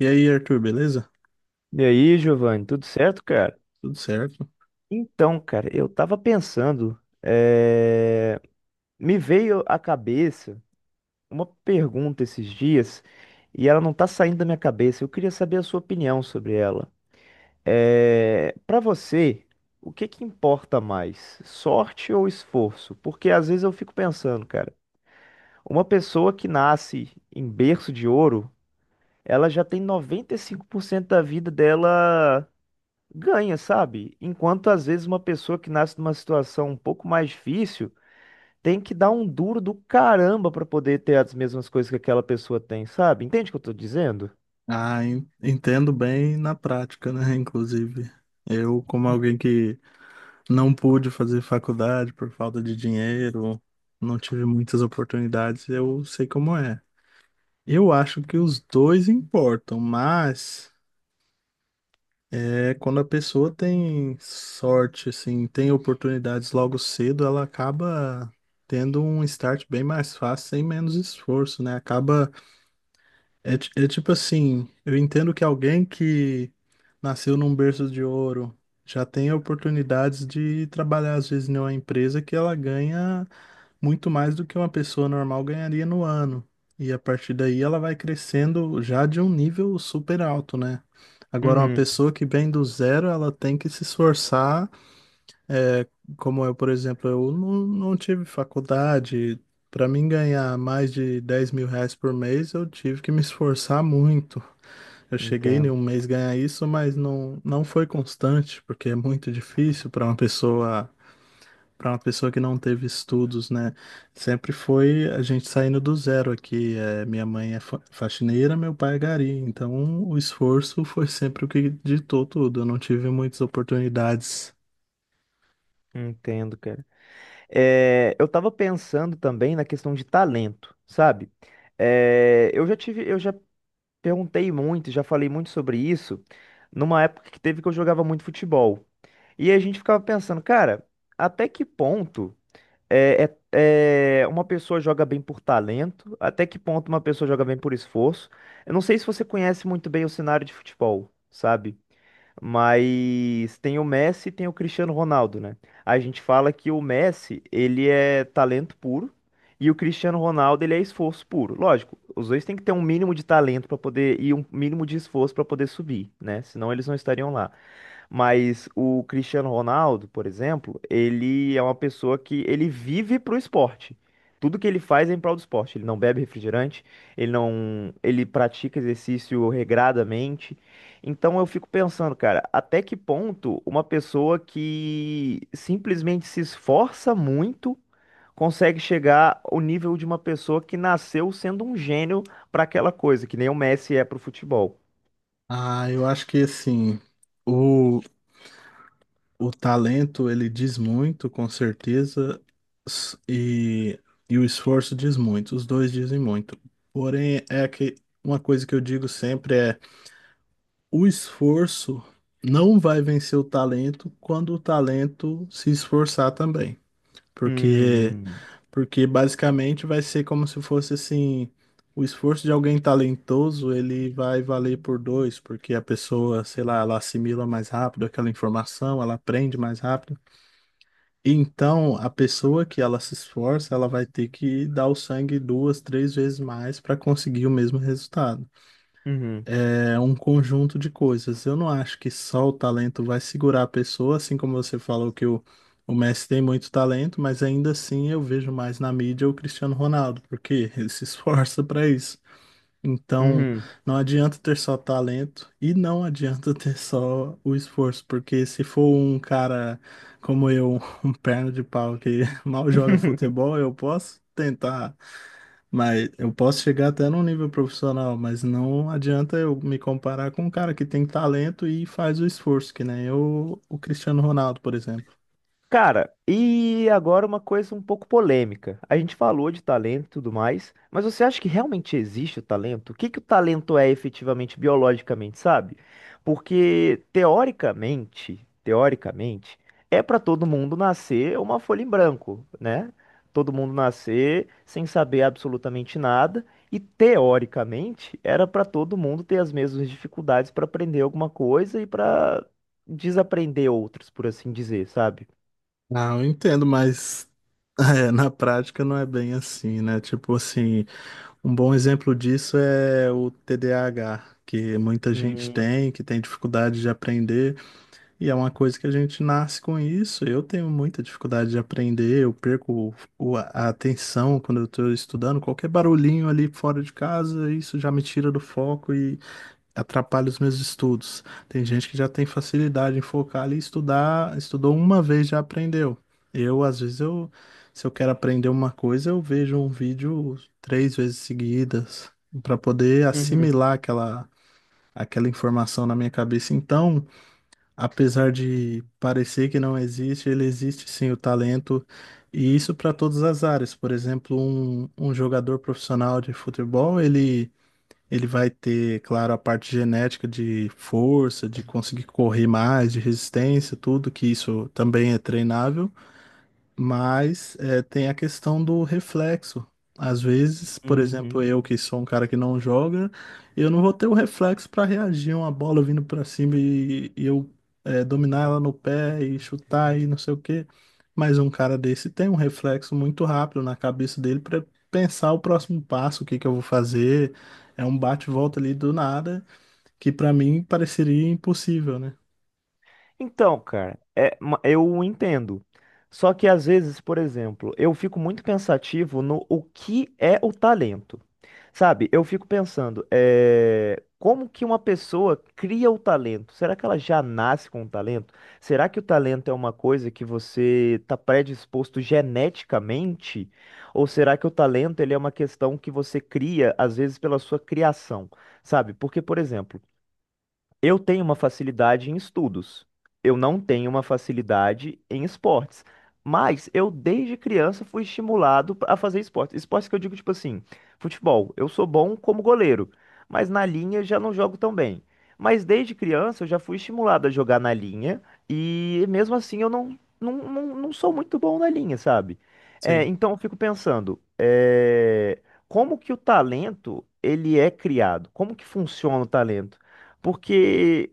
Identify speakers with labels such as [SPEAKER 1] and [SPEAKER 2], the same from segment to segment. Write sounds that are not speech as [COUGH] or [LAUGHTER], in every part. [SPEAKER 1] E aí, Arthur, beleza?
[SPEAKER 2] E aí, Giovanni, tudo certo, cara?
[SPEAKER 1] Tudo certo?
[SPEAKER 2] Então, cara, eu tava pensando, eh, me veio à cabeça uma pergunta esses dias e ela não tá saindo da minha cabeça. Eu queria saber a sua opinião sobre ela. Para você, o que que importa mais, sorte ou esforço? Porque às vezes eu fico pensando, cara, uma pessoa que nasce em berço de ouro, ela já tem 95% da vida dela ganha, sabe? Enquanto às vezes uma pessoa que nasce numa situação um pouco mais difícil tem que dar um duro do caramba pra poder ter as mesmas coisas que aquela pessoa tem, sabe? Entende o que eu tô dizendo?
[SPEAKER 1] Ah, entendo bem na prática, né? Inclusive, eu, como alguém que não pude fazer faculdade por falta de dinheiro, não tive muitas oportunidades, eu sei como é. Eu acho que os dois importam, mas quando a pessoa tem sorte, assim, tem oportunidades logo cedo, ela acaba tendo um start bem mais fácil, sem menos esforço, né? É tipo assim, eu entendo que alguém que nasceu num berço de ouro já tem oportunidades de trabalhar, às vezes, em uma empresa que ela ganha muito mais do que uma pessoa normal ganharia no ano. E a partir daí ela vai crescendo já de um nível super alto, né? Agora, uma
[SPEAKER 2] Uhum.
[SPEAKER 1] pessoa que vem do zero, ela tem que se esforçar é, como eu, por exemplo, eu não tive faculdade. Para mim ganhar mais de R$ 10.000 por mês, eu tive que me esforçar muito. Eu cheguei em
[SPEAKER 2] Entendo,
[SPEAKER 1] um mês ganhar isso, mas não foi constante, porque é muito difícil para uma pessoa que não teve estudos, né? Sempre foi a gente saindo do zero aqui. É, minha mãe é faxineira, meu pai é gari. Então o esforço foi sempre o que ditou tudo. Eu não tive muitas oportunidades.
[SPEAKER 2] entendo, cara. Eu tava pensando também na questão de talento, sabe? Eu já perguntei muito, já falei muito sobre isso numa época que teve que eu jogava muito futebol. E a gente ficava pensando, cara, até que ponto É, uma pessoa joga bem por talento, até que ponto uma pessoa joga bem por esforço. Eu não sei se você conhece muito bem o cenário de futebol, sabe? Mas tem o Messi e tem o Cristiano Ronaldo, né? A gente fala que o Messi, ele é talento puro e o Cristiano Ronaldo, ele é esforço puro. Lógico, os dois têm que ter um mínimo de talento para poder e um mínimo de esforço para poder subir, né? Senão eles não estariam lá. Mas o Cristiano Ronaldo, por exemplo, ele é uma pessoa que ele vive pro esporte. Tudo que ele faz é em prol do esporte. Ele não bebe refrigerante, ele não, ele pratica exercício regradamente. Então eu fico pensando, cara, até que ponto uma pessoa que simplesmente se esforça muito consegue chegar ao nível de uma pessoa que nasceu sendo um gênio para aquela coisa, que nem o Messi é pro futebol.
[SPEAKER 1] Ah, eu acho que assim, o, o talento ele diz muito, com certeza, s- e, e o esforço diz muito, os dois dizem muito. Porém, é que uma coisa que eu digo sempre é: o esforço não vai vencer o talento quando o talento se esforçar também. Porque
[SPEAKER 2] Hum,
[SPEAKER 1] porque basicamente vai ser como se fosse assim, o esforço de alguém talentoso, ele vai valer por dois, porque a pessoa, sei lá, ela assimila mais rápido aquela informação, ela aprende mais rápido. E então, a pessoa que ela se esforça, ela vai ter que dar o sangue duas, três vezes mais para conseguir o mesmo resultado.
[SPEAKER 2] uhum,
[SPEAKER 1] É um conjunto de coisas. Eu não acho que só o talento vai segurar a pessoa, assim como você falou que o Messi tem muito talento, mas ainda assim eu vejo mais na mídia o Cristiano Ronaldo, porque [LAUGHS] ele se esforça para isso. Então,
[SPEAKER 2] uhum.
[SPEAKER 1] não adianta ter só talento e não adianta [LAUGHS] ter só o esforço, porque se for um cara como eu, [LAUGHS] um perna de pau que [LAUGHS] mal joga
[SPEAKER 2] [LAUGHS]
[SPEAKER 1] futebol, eu posso tentar, mas eu posso chegar até num nível profissional, mas não adianta eu me comparar com um cara que tem talento e faz o esforço, que nem eu, o Cristiano Ronaldo, por exemplo.
[SPEAKER 2] Cara, e agora uma coisa um pouco polêmica. A gente falou de talento e tudo mais, mas você acha que realmente existe o talento? O que que o talento é efetivamente biologicamente, sabe? Porque teoricamente, é para todo mundo nascer uma folha em branco, né? Todo mundo nascer sem saber absolutamente nada e teoricamente era para todo mundo ter as mesmas dificuldades para aprender alguma coisa e para desaprender outras, por assim dizer, sabe?
[SPEAKER 1] Ah, eu entendo, mas [LAUGHS] é, na prática não é bem assim, né? Tipo assim, um bom exemplo disso é o TDAH, que muita gente
[SPEAKER 2] Hum,
[SPEAKER 1] tem, que tem dificuldade de aprender. E é uma coisa que a gente nasce com isso. Eu tenho muita dificuldade de aprender, eu perco a atenção quando eu estou estudando. Qualquer barulhinho ali fora de casa, isso já me tira do foco e atrapalha os meus estudos. Tem gente que já tem facilidade em focar ali e estudar, estudou uma vez já aprendeu. Eu, às vezes, se eu quero aprender uma coisa, eu vejo um vídeo três vezes seguidas para poder
[SPEAKER 2] uhum,
[SPEAKER 1] assimilar aquela informação na minha cabeça. Então, apesar de parecer que não existe, ele existe sim, o talento, e isso para todas as áreas. Por exemplo, um jogador profissional de futebol, ele vai ter, claro, a parte genética de força, de conseguir correr mais, de resistência, tudo que isso também é treinável. Mas é, tem a questão do reflexo. Às vezes, por exemplo,
[SPEAKER 2] uhum.
[SPEAKER 1] eu que sou um cara que não joga, eu não vou ter o reflexo para reagir a uma bola vindo para cima e eu dominar ela no pé e chutar e não sei o quê. Mas um cara desse tem um reflexo muito rápido na cabeça dele para pensar o próximo passo, o que que eu vou fazer. É um bate-volta ali do nada, que para mim pareceria impossível, né?
[SPEAKER 2] Então, cara, eu entendo. Só que às vezes, por exemplo, eu fico muito pensativo no o que é o talento. Sabe, eu fico pensando, como que uma pessoa cria o talento? Será que ela já nasce com o talento? Será que o talento é uma coisa que você está predisposto geneticamente? Ou será que o talento ele é uma questão que você cria, às vezes, pela sua criação? Sabe, porque, por exemplo. Eu tenho uma facilidade em estudos. Eu não tenho uma facilidade em esportes. Mas eu, desde criança, fui estimulado a fazer esportes. Esportes que eu digo, tipo assim, futebol. Eu sou bom como goleiro, mas na linha já não jogo tão bem. Mas desde criança eu já fui estimulado a jogar na linha e mesmo assim eu não sou muito bom na linha, sabe? É,
[SPEAKER 1] Sim.
[SPEAKER 2] então eu fico pensando, como que o talento ele é criado? Como que funciona o talento? Porque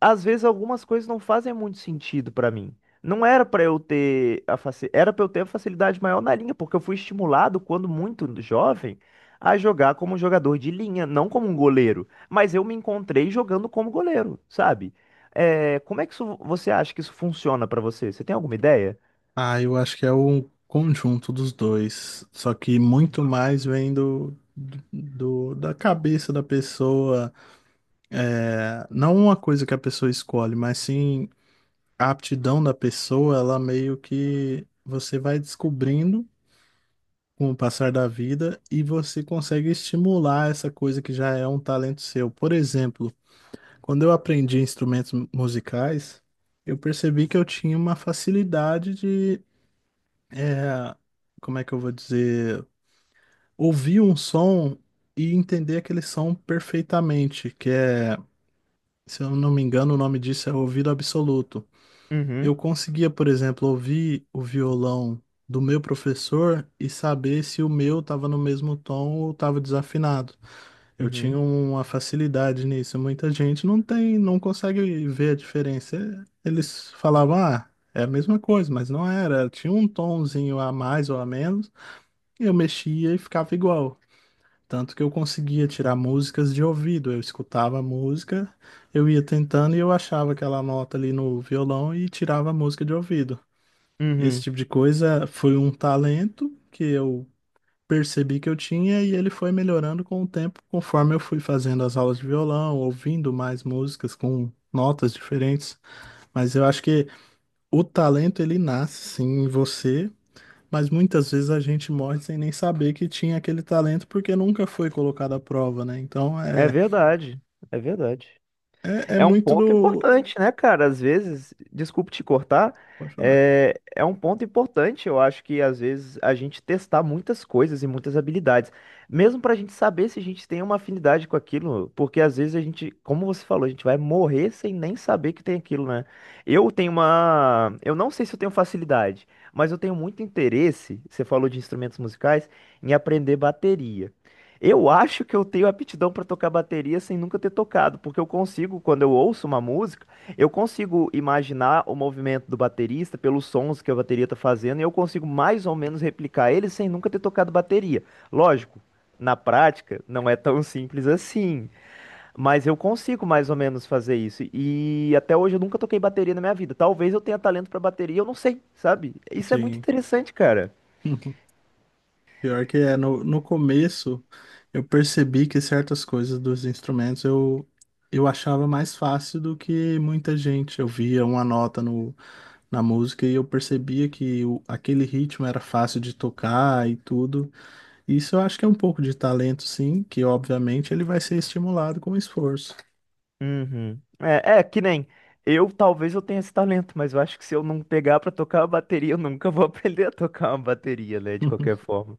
[SPEAKER 2] às vezes algumas coisas não fazem muito sentido pra mim. Não era pra eu ter a era para eu ter a facilidade maior na linha, porque eu fui estimulado quando muito jovem a jogar como um jogador de linha, não como um goleiro, mas eu me encontrei jogando como goleiro, sabe? Como é que isso, você acha que isso funciona pra você? Você tem alguma ideia?
[SPEAKER 1] Ah, eu acho que é o conjunto dos dois. Só que muito mais vem da cabeça da pessoa. Não uma coisa que a pessoa escolhe, mas sim a aptidão da pessoa, ela meio que você vai descobrindo com o passar da vida e você consegue estimular essa coisa que já é um talento seu. Por exemplo, quando eu aprendi instrumentos musicais, eu percebi que eu tinha uma facilidade de é, como é que eu vou dizer? Ouvir um som e entender aquele som perfeitamente, que é, se eu não me engano, o nome disso é ouvido absoluto. Eu
[SPEAKER 2] Uhum,
[SPEAKER 1] conseguia, por exemplo, ouvir o violão do meu professor e saber se o meu estava no mesmo tom ou estava desafinado. Eu
[SPEAKER 2] uhum,
[SPEAKER 1] tinha uma facilidade nisso. Muita gente não tem, não consegue ver a diferença. Eles falavam, ah, é a mesma coisa, mas não era. Tinha um tonzinho a mais ou a menos. Eu mexia e ficava igual. Tanto que eu conseguia tirar músicas de ouvido. Eu escutava a música, eu ia tentando e eu achava aquela nota ali no violão e tirava a música de ouvido. Esse
[SPEAKER 2] uhum.
[SPEAKER 1] tipo de coisa foi um talento que eu percebi que eu tinha e ele foi melhorando com o tempo, conforme eu fui fazendo as aulas de violão, ouvindo mais músicas com notas diferentes. Mas eu acho que o talento ele nasce sim em você. Mas muitas vezes a gente morre sem nem saber que tinha aquele talento porque nunca foi colocado à prova, né? Então
[SPEAKER 2] É
[SPEAKER 1] é,
[SPEAKER 2] verdade, é verdade.
[SPEAKER 1] é, é
[SPEAKER 2] É um
[SPEAKER 1] muito
[SPEAKER 2] ponto
[SPEAKER 1] do.
[SPEAKER 2] importante, né, cara? Às vezes, desculpe te cortar,
[SPEAKER 1] Pode falar.
[SPEAKER 2] é um ponto importante, eu acho que às vezes a gente testar muitas coisas e muitas habilidades, mesmo pra gente saber se a gente tem uma afinidade com aquilo, porque às vezes a gente, como você falou, a gente vai morrer sem nem saber que tem aquilo, né? Eu tenho uma. Eu não sei se eu tenho facilidade, mas eu tenho muito interesse, você falou de instrumentos musicais, em aprender bateria. Eu acho que eu tenho aptidão para tocar bateria sem nunca ter tocado, porque eu consigo, quando eu ouço uma música, eu consigo imaginar o movimento do baterista pelos sons que a bateria tá fazendo e eu consigo mais ou menos replicar ele sem nunca ter tocado bateria. Lógico, na prática não é tão simples assim, mas eu consigo mais ou menos fazer isso. E até hoje eu nunca toquei bateria na minha vida. Talvez eu tenha talento para bateria, eu não sei, sabe? Isso é muito
[SPEAKER 1] Sim.
[SPEAKER 2] interessante, cara.
[SPEAKER 1] [LAUGHS] Pior que é, no começo eu percebi que certas coisas dos instrumentos eu achava mais fácil do que muita gente. Eu via uma nota no, na música e eu percebia que aquele ritmo era fácil de tocar e tudo. Isso eu acho que é um pouco de talento, sim, que obviamente ele vai ser estimulado com esforço.
[SPEAKER 2] Uhum. É que nem eu, talvez eu tenha esse talento, mas eu acho que se eu não pegar pra tocar a bateria, eu nunca vou [LAUGHS] aprender a tocar uma bateria, né? De qualquer
[SPEAKER 1] [LAUGHS]
[SPEAKER 2] forma.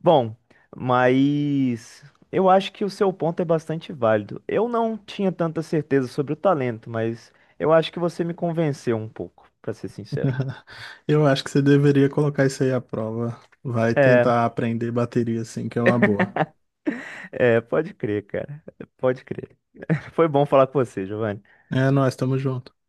[SPEAKER 2] Bom, mas eu acho que o seu ponto é bastante válido. Eu não tinha tanta certeza sobre o talento, mas eu acho que você me convenceu um pouco, pra ser sincero.
[SPEAKER 1] Eu acho que você deveria colocar isso aí à prova. Vai
[SPEAKER 2] É,
[SPEAKER 1] tentar aprender bateria, assim, que é uma boa.
[SPEAKER 2] é, pode crer, cara. Pode crer. [LAUGHS] Foi bom falar com você, Giovanni.
[SPEAKER 1] É, nós estamos juntos.